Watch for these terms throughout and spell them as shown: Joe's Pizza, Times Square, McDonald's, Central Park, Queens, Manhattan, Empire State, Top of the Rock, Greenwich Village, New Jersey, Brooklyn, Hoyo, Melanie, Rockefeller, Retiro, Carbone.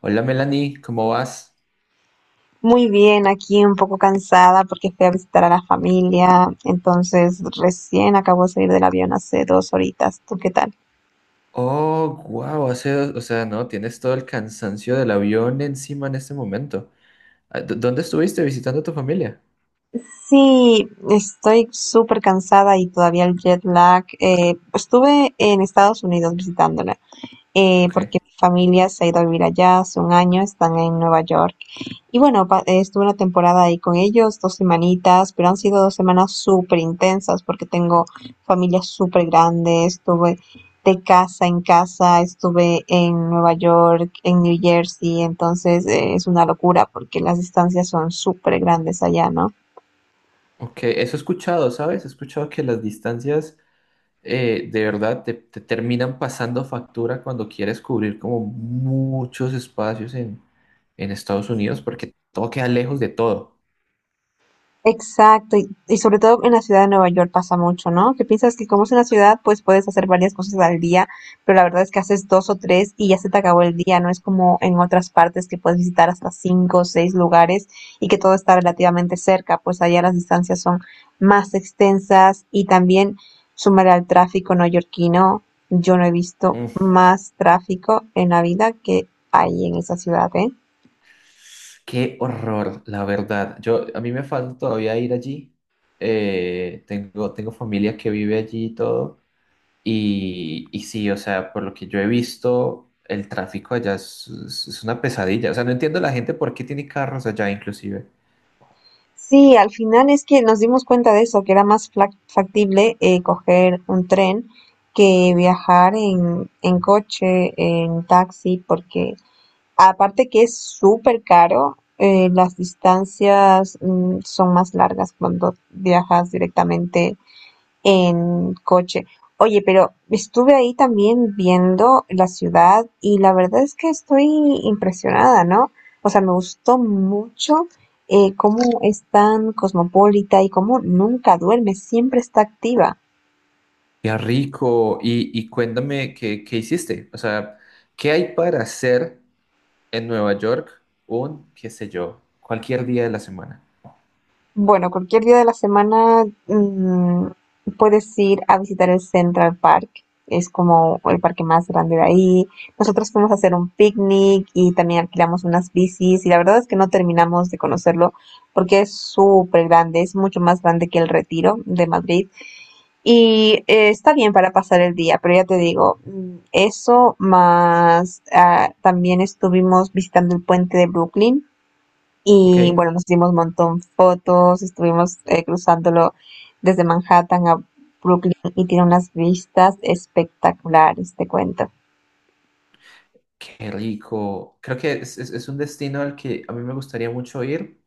Hola Melanie, ¿cómo vas? Muy bien, aquí un poco cansada porque fui a visitar a la familia, entonces recién acabo de salir del avión hace 2 horitas. ¿Tú qué tal? Oh, wow, hace, o sea, no, tienes todo el cansancio del avión encima en este momento. ¿Dónde estuviste visitando a tu familia? Sí, estoy súper cansada y todavía el jet lag. Estuve en Estados Unidos visitándola, porque Ok, mi familia se ha ido a vivir allá hace un año. Están en Nueva York. Y bueno, estuve una temporada ahí con ellos, 2 semanitas, pero han sido 2 semanas súper intensas porque tengo familias súper grandes. Estuve de casa en casa, estuve en Nueva York, en New Jersey. Entonces es una locura porque las distancias son súper grandes allá, ¿no? ok, eso he escuchado, ¿sabes? He escuchado que las distancias de verdad te terminan pasando factura cuando quieres cubrir como muchos espacios en Estados Unidos porque todo queda lejos de todo. Exacto, y sobre todo en la ciudad de Nueva York pasa mucho, ¿no? Que piensas que como es una ciudad, pues puedes hacer varias cosas al día, pero la verdad es que haces dos o tres y ya se te acabó el día. No es como en otras partes que puedes visitar hasta cinco o seis lugares y que todo está relativamente cerca. Pues allá las distancias son más extensas, y también sumar al tráfico neoyorquino. Yo no he visto más tráfico en la vida que hay en esa ciudad, ¿eh? Qué horror, la verdad. Yo, a mí me falta todavía ir allí. Tengo familia que vive allí y todo. Y sí, o sea, por lo que yo he visto, el tráfico allá es una pesadilla. O sea, no entiendo la gente por qué tiene carros allá, inclusive. Sí, al final es que nos dimos cuenta de eso, que era más factible coger un tren que viajar en coche, en taxi, porque aparte que es súper caro. Eh, las distancias, son más largas cuando viajas directamente en coche. Oye, pero estuve ahí también viendo la ciudad y la verdad es que estoy impresionada, ¿no? O sea, me gustó mucho cómo es tan cosmopolita y cómo nunca duerme, siempre está activa. Qué rico. Y cuéntame, qué hiciste? O sea, ¿qué hay para hacer en Nueva York un, qué sé yo, cualquier día de la semana? Bueno, cualquier día de la semana, puedes ir a visitar el Central Park. Es como el parque más grande de ahí. Nosotros fuimos a hacer un picnic y también alquilamos unas bicis, y la verdad es que no terminamos de conocerlo porque es súper grande, es mucho más grande que el Retiro de Madrid. Y está bien para pasar el día, pero ya te digo, eso más, también estuvimos visitando el puente de Brooklyn. ¿Ok? Y bueno, nos hicimos un montón fotos. Estuvimos cruzándolo desde Manhattan a Brooklyn, y tiene unas vistas espectaculares, te cuento. Qué rico. Creo que es un destino al que a mí me gustaría mucho ir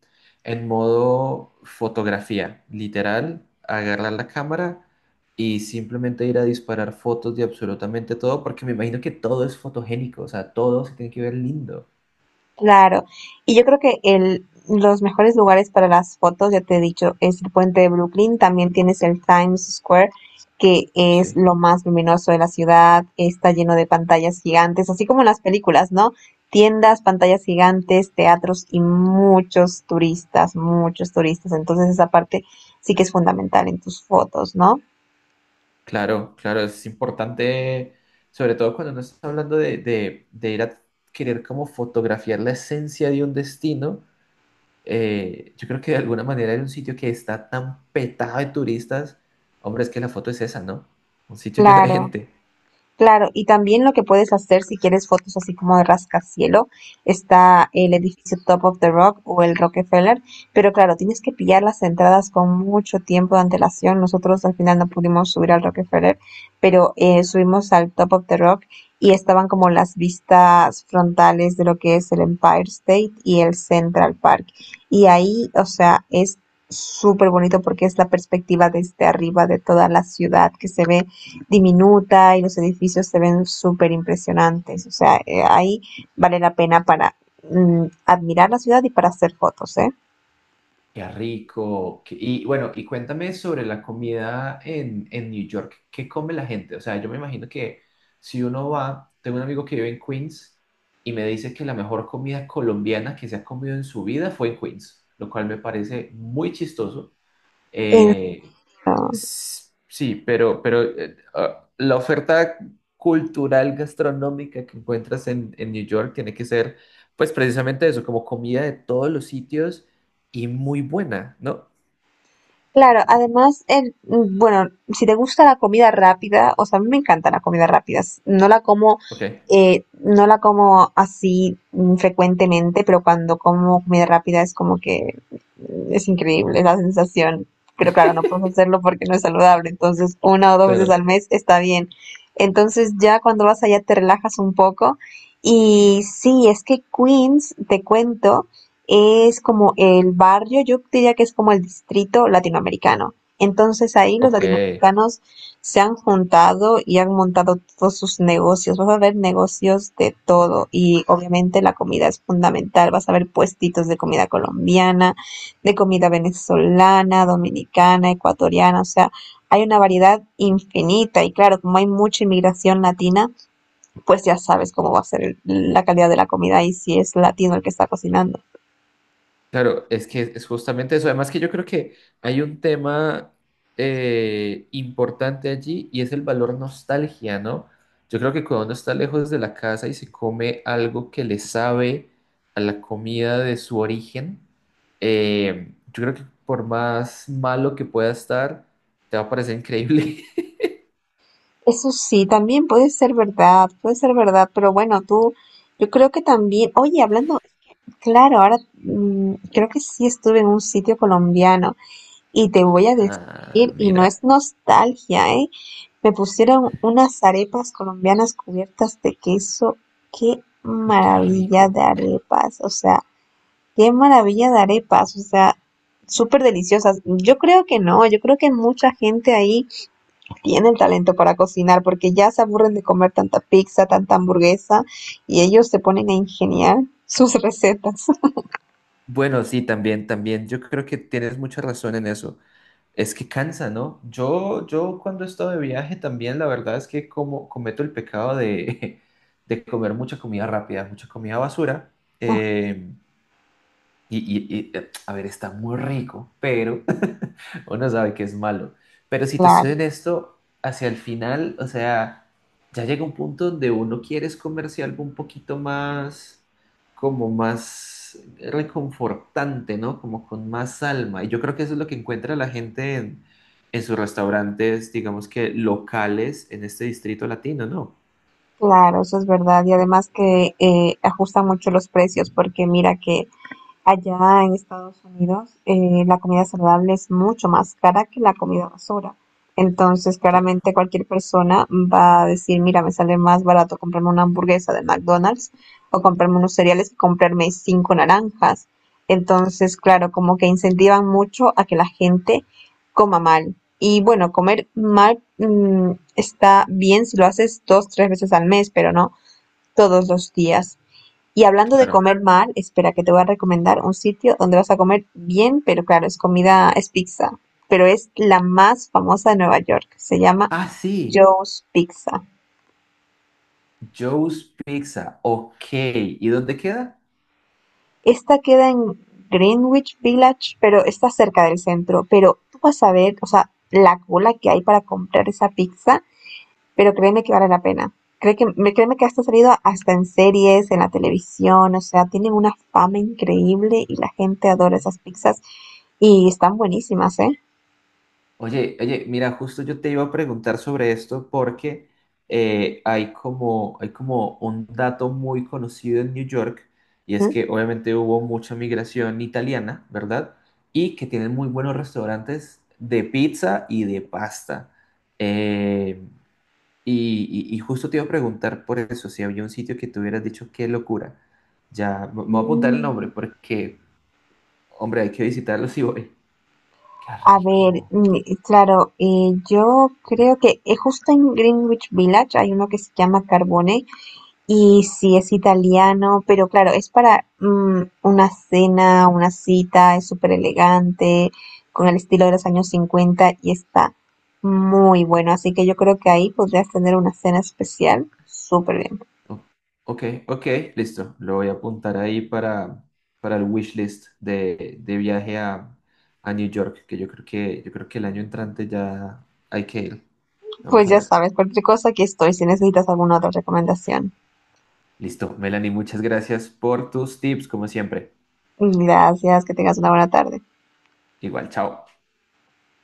en modo fotografía, literal, agarrar la cámara y simplemente ir a disparar fotos de absolutamente todo, porque me imagino que todo es fotogénico, o sea, todo se tiene que ver lindo. Claro, y yo creo que los mejores lugares para las fotos, ya te he dicho, es el puente de Brooklyn. También tienes el Times Square, que es Sí, lo más luminoso de la ciudad, está lleno de pantallas gigantes, así como en las películas, ¿no? Tiendas, pantallas gigantes, teatros y muchos turistas, muchos turistas. Entonces esa parte sí que es fundamental en tus fotos, ¿no? claro, claro, es importante, sobre todo cuando no estás hablando de ir a querer como fotografiar la esencia de un destino. Yo creo que de alguna manera era un sitio que está tan petado de turistas. Hombre, es que la foto es esa, ¿no? Un sitio lleno de Claro. gente. Claro, y también lo que puedes hacer si quieres fotos así como de rascacielo, está el edificio Top of the Rock o el Rockefeller, pero claro, tienes que pillar las entradas con mucho tiempo de antelación. Nosotros al final no pudimos subir al Rockefeller, pero subimos al Top of the Rock y estaban como las vistas frontales de lo que es el Empire State y el Central Park. Y ahí, o sea, es súper bonito porque es la perspectiva desde arriba de toda la ciudad, que se ve diminuta, y los edificios se ven súper impresionantes. O sea, ahí vale la pena para, admirar la ciudad y para hacer fotos, ¿eh? Qué rico. Qué- Y bueno, y cuéntame sobre la comida en New York. ¿Qué come la gente? O sea, yo me imagino que si uno va, tengo un amigo que vive en Queens y me dice que la mejor comida colombiana que se ha comido en su vida fue en Queens, lo cual me parece muy chistoso. En- Eh, Sí, la oferta cultural gastronómica que encuentras en New York tiene que ser, pues precisamente eso, como comida de todos los sitios y muy buena, ¿no? Claro, además, bueno, si te gusta la comida rápida, o sea, a mí me encanta la comida rápida. No la como, Ok, no la como así, frecuentemente. Pero cuando como comida rápida es como que, es increíble la sensación. Pero claro, no puedes hacerlo porque no es saludable. Entonces, una o dos veces claro. al mes está bien. Entonces, ya cuando vas allá te relajas un poco. Y sí, es que Queens, te cuento, es como el barrio. Yo diría que es como el distrito latinoamericano. Entonces ahí los Ok. latinoamericanos se han juntado y han montado todos sus negocios. Vas a ver negocios de todo y obviamente la comida es fundamental. Vas a ver puestitos de comida colombiana, de comida venezolana, dominicana, ecuatoriana. O sea, hay una variedad infinita. Y claro, como hay mucha inmigración latina, pues ya sabes cómo va a ser la calidad de la comida, y si es latino el que está cocinando. Claro, es que es justamente eso. Además que yo creo que hay un tema importante allí y es el valor nostalgia, ¿no? Yo creo que cuando uno está lejos de la casa y se come algo que le sabe a la comida de su origen, yo creo que por más malo que pueda estar, te va a parecer increíble. Eso sí, también puede ser verdad, pero bueno, tú, yo creo que también, oye, hablando, claro, ahora, creo que sí estuve en un sitio colombiano, y te voy a Ah, decir, y no es mira, nostalgia, ¿eh? Me pusieron unas arepas colombianas cubiertas de queso, qué y qué maravilla de rico. arepas, o sea, qué maravilla de arepas, o sea, súper deliciosas. Yo creo que no, yo creo que mucha gente ahí tienen talento para cocinar porque ya se aburren de comer tanta pizza, tanta hamburguesa, y ellos se ponen a ingeniar sus recetas. Bueno, sí, también, también. Yo creo que tienes mucha razón en eso. Es que cansa, ¿no? Yo cuando he estado de viaje también, la verdad es que como cometo el pecado de, de comer mucha comida rápida, mucha comida basura. eh, a ver, está muy rico, pero uno sabe que es malo. Pero si te soy Claro, honesto, hacia el final, o sea, ya llega un punto donde uno quiere es comerse algo un poquito más, como más reconfortante, ¿no? Como con más alma. Y yo creo que eso es lo que encuentra la gente en sus restaurantes, digamos que locales en este distrito latino, ¿no? claro, eso es verdad. Y además que ajustan mucho los precios, porque mira que allá en Estados Unidos, la comida saludable es mucho más cara que la comida basura. Entonces, Claro, claramente cualquier persona va a decir, mira, me sale más barato comprarme una hamburguesa de McDonald's, o comprarme unos cereales, que comprarme cinco naranjas. Entonces, claro, como que incentivan mucho a que la gente coma mal. Y bueno, comer mal, está bien si lo haces dos, tres veces al mes, pero no todos los días. Y hablando de claro. comer mal, espera que te voy a recomendar un sitio donde vas a comer bien. Pero claro, es comida, es pizza, pero es la más famosa de Nueva York. Se llama Ah, sí, Joe's Pizza. Joe's Pizza. Ok. ¿Y dónde queda? Esta queda en Greenwich Village, pero está cerca del centro. Pero tú vas a ver, o sea, la cola que hay para comprar esa pizza, pero créeme que vale la pena. Créeme que esto ha salido hasta en series, en la televisión. O sea, tienen una fama increíble y la gente adora esas pizzas, y están buenísimas, ¿eh? Oye, oye, mira, justo yo te iba a preguntar sobre esto porque hay como un dato muy conocido en New York y es ¿Mm? que obviamente hubo mucha migración italiana, ¿verdad? Y que tienen muy buenos restaurantes de pizza y de pasta. Eh, y justo te iba a preguntar por eso, si había un sitio que te hubieras dicho qué locura. Ya, me voy a apuntar el nombre Mm. porque, hombre, hay que visitarlo si voy. Qué A ver, rico. Claro, yo creo que, justo en Greenwich Village hay uno que se llama Carbone. Y sí, es italiano, pero claro, es para, una cena, una cita. Es súper elegante, con el estilo de los años 50, y está muy bueno. Así que yo creo que ahí podrías tener una cena especial súper bien. O- Ok, ok, listo. Lo voy a apuntar ahí para el wishlist de viaje a New York, que yo creo que, yo creo que el año entrante ya hay que ir. Vamos Pues a ya ver. sabes, cualquier cosa aquí estoy si necesitas alguna otra recomendación. Listo, Melanie, muchas gracias por tus tips, como siempre. Gracias, que tengas una buena tarde. Igual, chao.